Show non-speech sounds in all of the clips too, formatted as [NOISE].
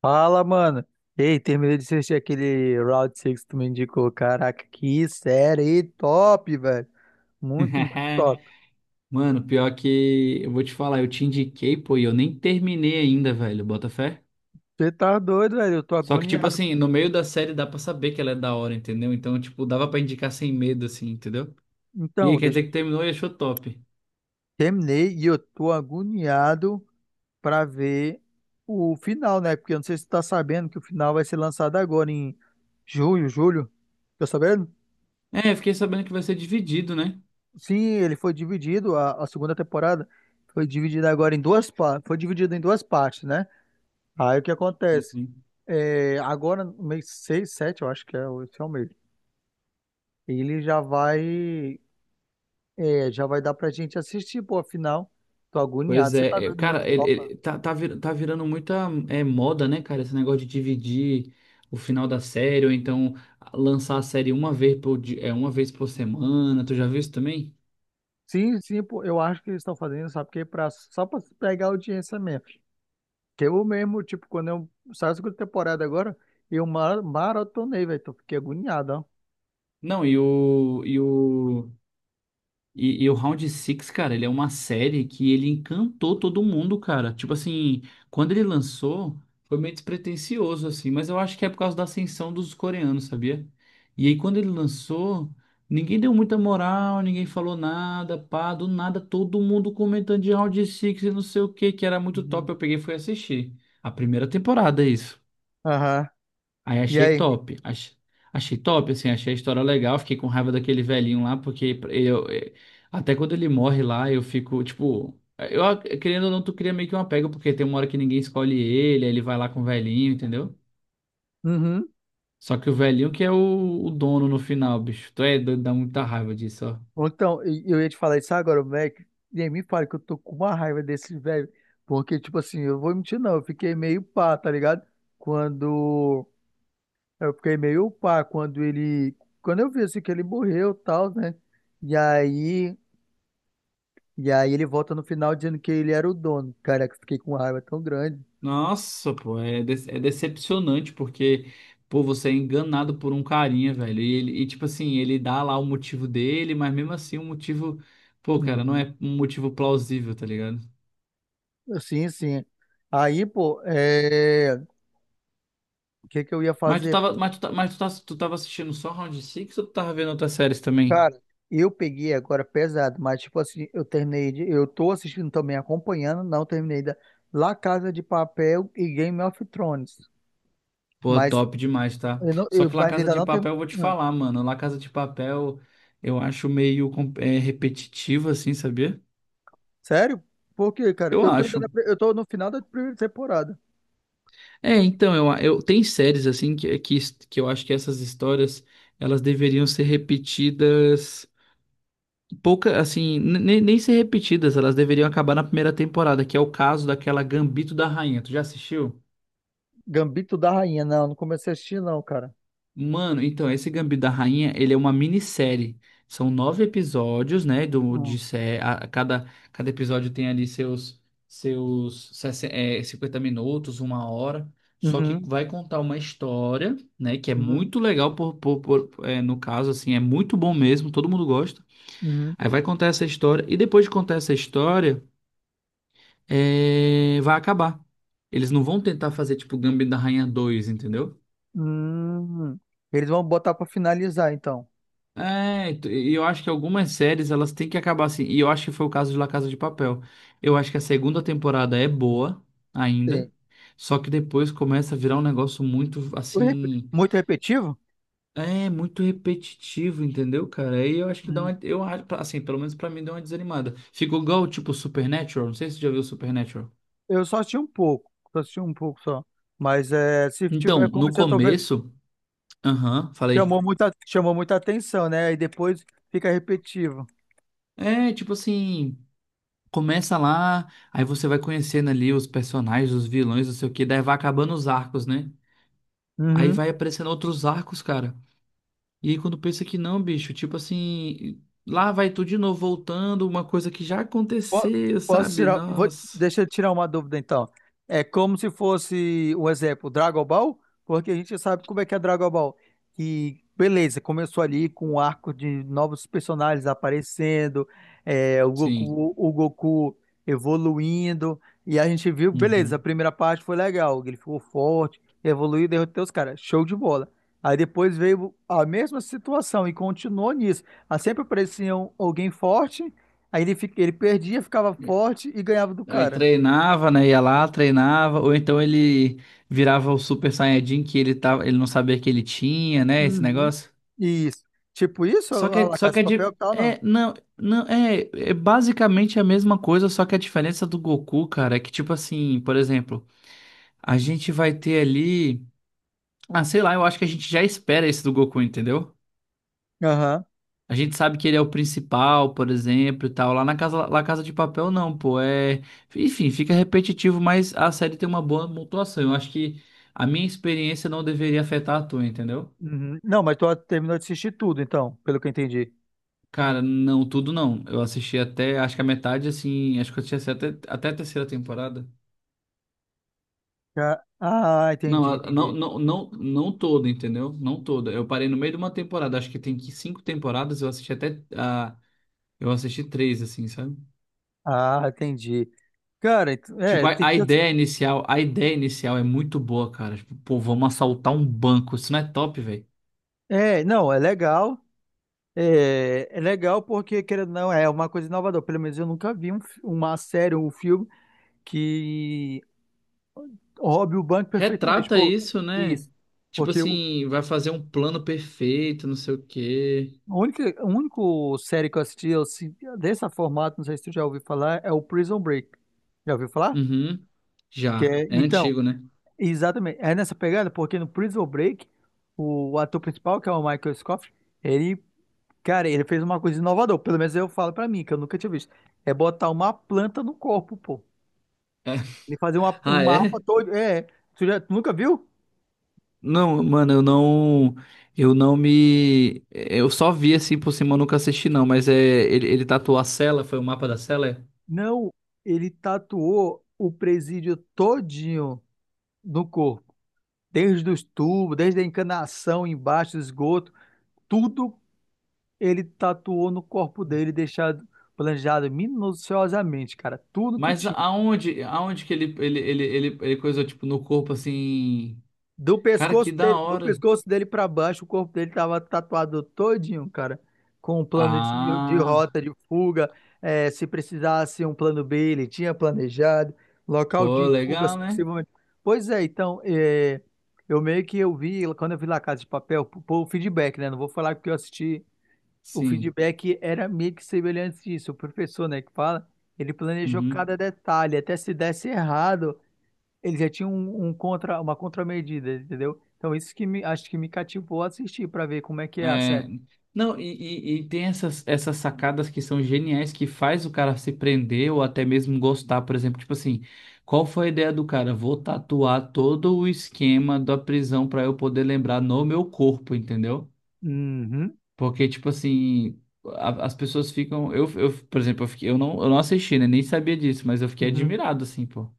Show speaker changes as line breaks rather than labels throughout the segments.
Fala, mano. Ei, terminei de assistir aquele Round Six que tu me indicou. Caraca, que série top, velho. Muito, muito
[LAUGHS]
top.
Mano, pior que eu vou te falar, eu te indiquei, pô, e eu nem terminei ainda, velho, bota fé.
Você tá doido, velho. Eu tô
Só que, tipo
agoniado.
assim, no meio da série dá pra saber que ela é da hora, entendeu? Então, tipo, dava pra indicar sem medo, assim, entendeu? E aí,
Então,
quer
deixa...
dizer que terminou e achou top.
terminei e eu tô agoniado pra ver o final, né? Porque eu não sei se tu tá sabendo que o final vai ser lançado agora em junho, julho. Tá sabendo?
É, eu fiquei sabendo que vai ser dividido, né?
Sim, ele foi dividido, a segunda temporada foi dividida agora em duas partes. Foi dividida em duas partes, né? Aí o que acontece?
Uhum.
É, agora, no mês 6, 7, eu acho que é, esse é o mês. Ele já vai, é, já vai dar pra gente assistir, pô, afinal. Tô agoniado.
Pois
Você tá
é,
dando muito
cara,
topa.
tá virando muita moda, né, cara? Esse negócio de dividir o final da série, ou então lançar a série uma vez por semana, tu já viu isso também?
Sim, sim, pô, eu acho que eles estão fazendo, sabe? Porque é pra, só pra pegar audiência mesmo. Que eu mesmo, tipo, quando eu saí da segunda temporada agora, maratonei, velho. Tô fiquei agoniado, ó.
Não, e o Round Six, cara, ele é uma série que ele encantou todo mundo, cara. Tipo assim, quando ele lançou, foi meio despretensioso, assim, mas eu acho que é por causa da ascensão dos coreanos, sabia? E aí, quando ele lançou, ninguém deu muita moral, ninguém falou nada, pá, do nada, todo mundo comentando de Round Six e não sei o que, que era muito
Uhum.
top. Eu peguei e fui assistir. A primeira temporada, é isso.
Aham.
Aí
E
achei
aí?
top. Achei top, assim, achei a história legal. Fiquei com raiva daquele velhinho lá, porque até quando ele morre lá, eu fico, tipo, querendo ou não, tu cria meio que um apego, porque tem uma hora que ninguém escolhe ele, aí ele vai lá com o velhinho, entendeu?
Uhum.
Só que o velhinho que é o dono no final, bicho. Tu é doido, dá muita raiva disso, ó.
Ou então, eu ia te falar isso agora, o Mac, nem me fala que eu tô com uma raiva desse velho, porque, tipo assim, eu vou mentir não, eu fiquei meio pá, tá ligado? Quando, eu fiquei meio pá quando ele, quando eu vi, assim, que ele morreu e tal, né? E aí, e aí ele volta no final dizendo que ele era o dono, cara, que eu fiquei com uma raiva tão grande.
Nossa, pô, é decepcionante porque, pô, você é enganado por um carinha, velho. E, tipo assim, ele dá lá o motivo dele, mas mesmo assim o motivo, pô, cara, não
Uhum.
é um motivo plausível, tá ligado?
Sim, sim. Aí, pô, é... o que que eu ia fazer?
Tu tava assistindo só Round Six ou tu tava vendo outras séries também?
Cara, eu peguei agora pesado, mas tipo assim, eu terminei de, eu tô assistindo também, acompanhando, não terminei da La Casa de Papel e Game of Thrones,
Pô,
mas
top demais, tá?
eu não,
Só
eu,
que La
mas
Casa
ainda
de
não
Papel,
terminei.
eu vou te
Ah,
falar, mano. La Casa de Papel eu acho meio repetitivo, assim, sabia?
sério? Por quê, cara?
Eu
Eu tô ainda
acho.
na eu tô no final da primeira temporada.
É, então, eu tem séries assim que, que eu acho que essas histórias elas deveriam ser repetidas pouca assim, nem ser repetidas, elas deveriam acabar na primeira temporada, que é o caso daquela Gambito da Rainha. Tu já assistiu?
Gambito da Rainha, não, não comecei a assistir não, cara.
Mano, então, esse Gambito da Rainha, ele é uma minissérie. São nove episódios, né?
Hum.
Cada episódio tem ali seus 50 minutos, uma hora. Só que
Uhum,
vai contar uma história, né? Que é
uhum,
muito legal, no caso, assim, é muito bom mesmo, todo mundo gosta.
uhum,
Aí vai contar essa história, e depois de contar essa história, vai acabar. Eles não vão tentar fazer, tipo, Gambito da Rainha 2, entendeu?
uhum. Eles vão botar pra finalizar, então.
É, e eu acho que algumas séries elas têm que acabar assim. E eu acho que foi o caso de La Casa de Papel. Eu acho que a segunda temporada é boa
Sim.
ainda, só que depois começa a virar um negócio muito assim,
Muito repetitivo?
é muito repetitivo, entendeu, cara? Aí eu acho que eu acho assim, pelo menos pra mim deu uma desanimada. Ficou igual tipo Supernatural, não sei se você já viu Supernatural.
Eu só assisti um pouco, só assisti um pouco só. Mas é, se tiver
Então,
como
no
você tá vendo,
começo, aham, falei.
chamou muita atenção, né? E depois fica repetitivo.
É, tipo assim, começa lá, aí você vai conhecendo ali os personagens, os vilões, não sei o que, daí vai acabando os arcos, né? Aí
Uhum.
vai aparecendo outros arcos, cara. E aí quando pensa que não, bicho, tipo assim, lá vai tu de novo voltando, uma coisa que já
Po-
aconteceu,
Posso
sabe?
tirar, vou,
Nossa.
deixa eu tirar uma dúvida então. É como se fosse um exemplo, Dragon Ball, porque a gente sabe como é que é Dragon Ball. E beleza, começou ali com o arco de novos personagens aparecendo, é, o
Sim.
Goku, o Goku evoluindo, e a gente viu, beleza, a
Uhum.
primeira parte foi legal, ele ficou forte, evoluiu, derrotou os caras, show de bola. Aí depois veio a mesma situação e continuou nisso. Aí sempre aparecia alguém forte. Aí ele, fica, ele perdia, ficava
É.
forte e ganhava do
Aí
cara.
treinava, né? Ia lá, treinava, ou então ele virava o Super Saiyajin que ele tava, ele não sabia que ele tinha, né? Esse
Uhum.
negócio.
Isso. Tipo isso,
Só que,
a
é-
La
só
Casa
que
de
é
Papel
de.
e tal, não.
É, não, não, é basicamente a mesma coisa, só que a diferença do Goku, cara, é que, tipo assim, por exemplo, a gente vai ter ali. Ah, sei lá, eu acho que a gente já espera esse do Goku, entendeu?
Aham.
A gente sabe que ele é o principal, por exemplo, e tal. Lá na casa, lá Casa de Papel, não, pô. É. Enfim, fica repetitivo, mas a série tem uma boa pontuação. Eu acho que a minha experiência não deveria afetar a tua, entendeu?
Uhum. Não, mas tu terminou de assistir tudo, então, pelo que eu entendi.
Cara, não, tudo não. Eu assisti até, acho que a metade, assim, acho que eu assisti até a terceira temporada.
Ah,
Não,
entendi,
não,
entendi.
não, não, não toda, entendeu? Não toda. Eu parei no meio de uma temporada, acho que cinco temporadas, eu assisti eu assisti três, assim, sabe?
Ah, entendi. Cara,
Tipo,
é,
a,
tem
a
que ter...
ideia inicial, a ideia inicial é muito boa, cara. Tipo, pô, vamos assaltar um banco, isso não é top, velho.
É, não, é legal. É, é legal porque, querendo ou não, é uma coisa inovadora. Pelo menos eu nunca vi uma série ou um filme que roube o banco perfeitamente.
Retrata
Pô,
isso, né?
isso.
Tipo
Porque o,
assim, vai fazer um plano perfeito, não sei o quê.
a única, a único série que eu assisti eu, dessa formato, não sei se tu já ouviu falar, é o Prison Break. Já ouviu falar?
Uhum.
Que
Já.
é,
É
então,
antigo, né?
exatamente, é nessa pegada, porque no Prison Break, o ator principal, que é o Michael Scofield, ele, cara, ele fez uma coisa inovadora, pelo menos eu falo pra mim, que eu nunca tinha visto, é botar uma planta no corpo, pô. Ele fazer um
Ah,
mapa
é?
todo, é, tu, já, tu nunca viu?
Não, mano, eu não. Eu não me. Eu só vi assim por cima, eu nunca assisti, não. Mas é. Ele tatuou a cela, foi o mapa da cela? É?
Não, ele tatuou o presídio todinho no corpo. Desde os tubos, desde a encanação embaixo do esgoto, tudo ele tatuou no corpo dele, deixado planejado minuciosamente, cara, tudo que
Mas
tinha.
aonde que ele coisou, tipo, no corpo assim. Cara, que da
Do
hora.
pescoço dele para baixo, o corpo dele tava tatuado todinho, cara, com um plano de,
Ah,
rota, de fuga, eh, se precisasse um plano B, ele tinha planejado, local
pô,
de fugas
legal, né?
possivelmente. Pois é, então, eh, eu meio que eu vi, quando eu vi La Casa de Papel, pô, o feedback, né? Não vou falar porque eu assisti. O
Sim.
feedback era meio que semelhante disso. O professor, né, que fala, ele planejou cada detalhe. Até se desse errado, ele já tinha um contra, uma contramedida, entendeu? Então, isso que me, acho que me cativou a assistir para ver como é que é a
É,
série.
não, e tem essas sacadas que são geniais que faz o cara se prender ou até mesmo gostar, por exemplo, tipo assim, qual foi a ideia do cara? Vou tatuar todo o esquema da prisão para eu poder lembrar no meu corpo, entendeu?
Uhum,
Porque, tipo assim, as pessoas ficam. Eu, por exemplo, eu não assisti, né? Nem sabia disso, mas eu fiquei
uhum.
admirado, assim, pô.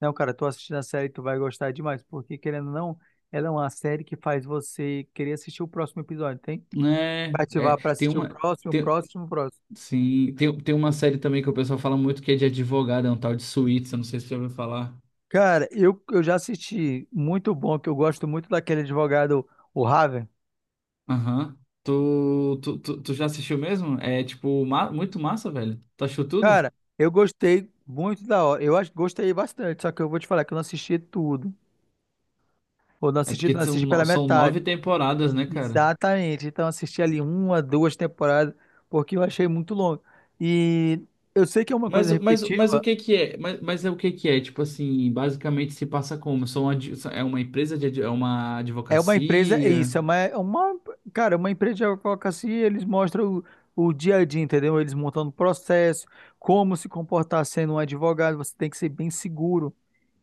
Não, cara, tu assistindo a série, tu vai gostar demais, porque querendo ou não, ela é uma série que faz você querer assistir o próximo episódio, tem?
É,
Pra
é,
ativar para
tem
assistir o
uma.
próximo, o
tem-
próximo, o próximo.
Sim, tem uma série também que o pessoal fala muito que é de advogado, é um tal de Suits, eu não sei se você já ouviu falar.
Cara, eu já assisti, muito bom, que eu gosto muito daquele advogado, o Raven.
Aham. Tu já assistiu mesmo? É, tipo, muito massa, velho. Tu achou tudo?
Cara, eu gostei muito da hora. Eu acho que gostei bastante, só que eu vou te falar que eu não assisti tudo. Ou não
É
assisti,
porque
não
são,
assisti pela
no- são
metade.
nove temporadas, né, cara?
Exatamente. Então assisti ali uma, duas temporadas, porque eu achei muito longo. E eu sei que é uma coisa
Mas o
repetitiva,
que que é? Mas é o que que é? Tipo assim, basicamente se passa como? É uma empresa de, é uma
é uma empresa, é
advocacia?
isso, cara, é uma empresa de advocacia, eles mostram o dia a dia, entendeu? Eles montando o processo, como se comportar sendo um advogado, você tem que ser bem seguro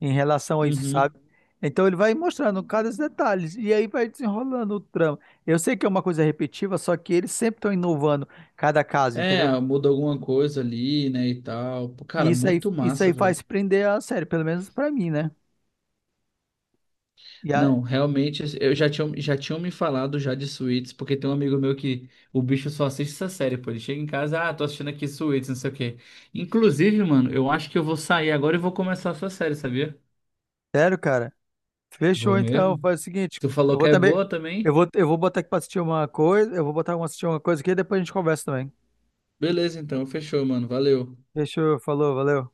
em relação a isso, sabe?
Uhum.
Então ele vai mostrando cada detalhe e aí vai desenrolando o trama. Eu sei que é uma coisa repetitiva, só que eles sempre estão inovando cada caso, entendeu?
É, muda alguma coisa ali, né, e tal. Pô,
E
cara, muito
isso
massa,
aí faz
velho.
prender a série, pelo menos pra mim, né? E a,
Não, realmente, eu já tinha, já tinham me falado já de Suits, porque tem um amigo meu que o bicho só assiste essa série, pô. Ele chega em casa, ah, tô assistindo aqui Suits, não sei o quê. Inclusive, mano, eu acho que eu vou sair agora e vou começar essa série, sabia?
sério, cara. Fechou,
Vou
então.
mesmo.
Faz o seguinte,
Tu
eu
falou
vou
que é
também,
boa também?
eu vou botar aqui pra assistir uma coisa, eu vou botar uma assistir uma coisa aqui e depois a gente conversa também.
Beleza, então, fechou, mano. Valeu.
Fechou, falou, valeu.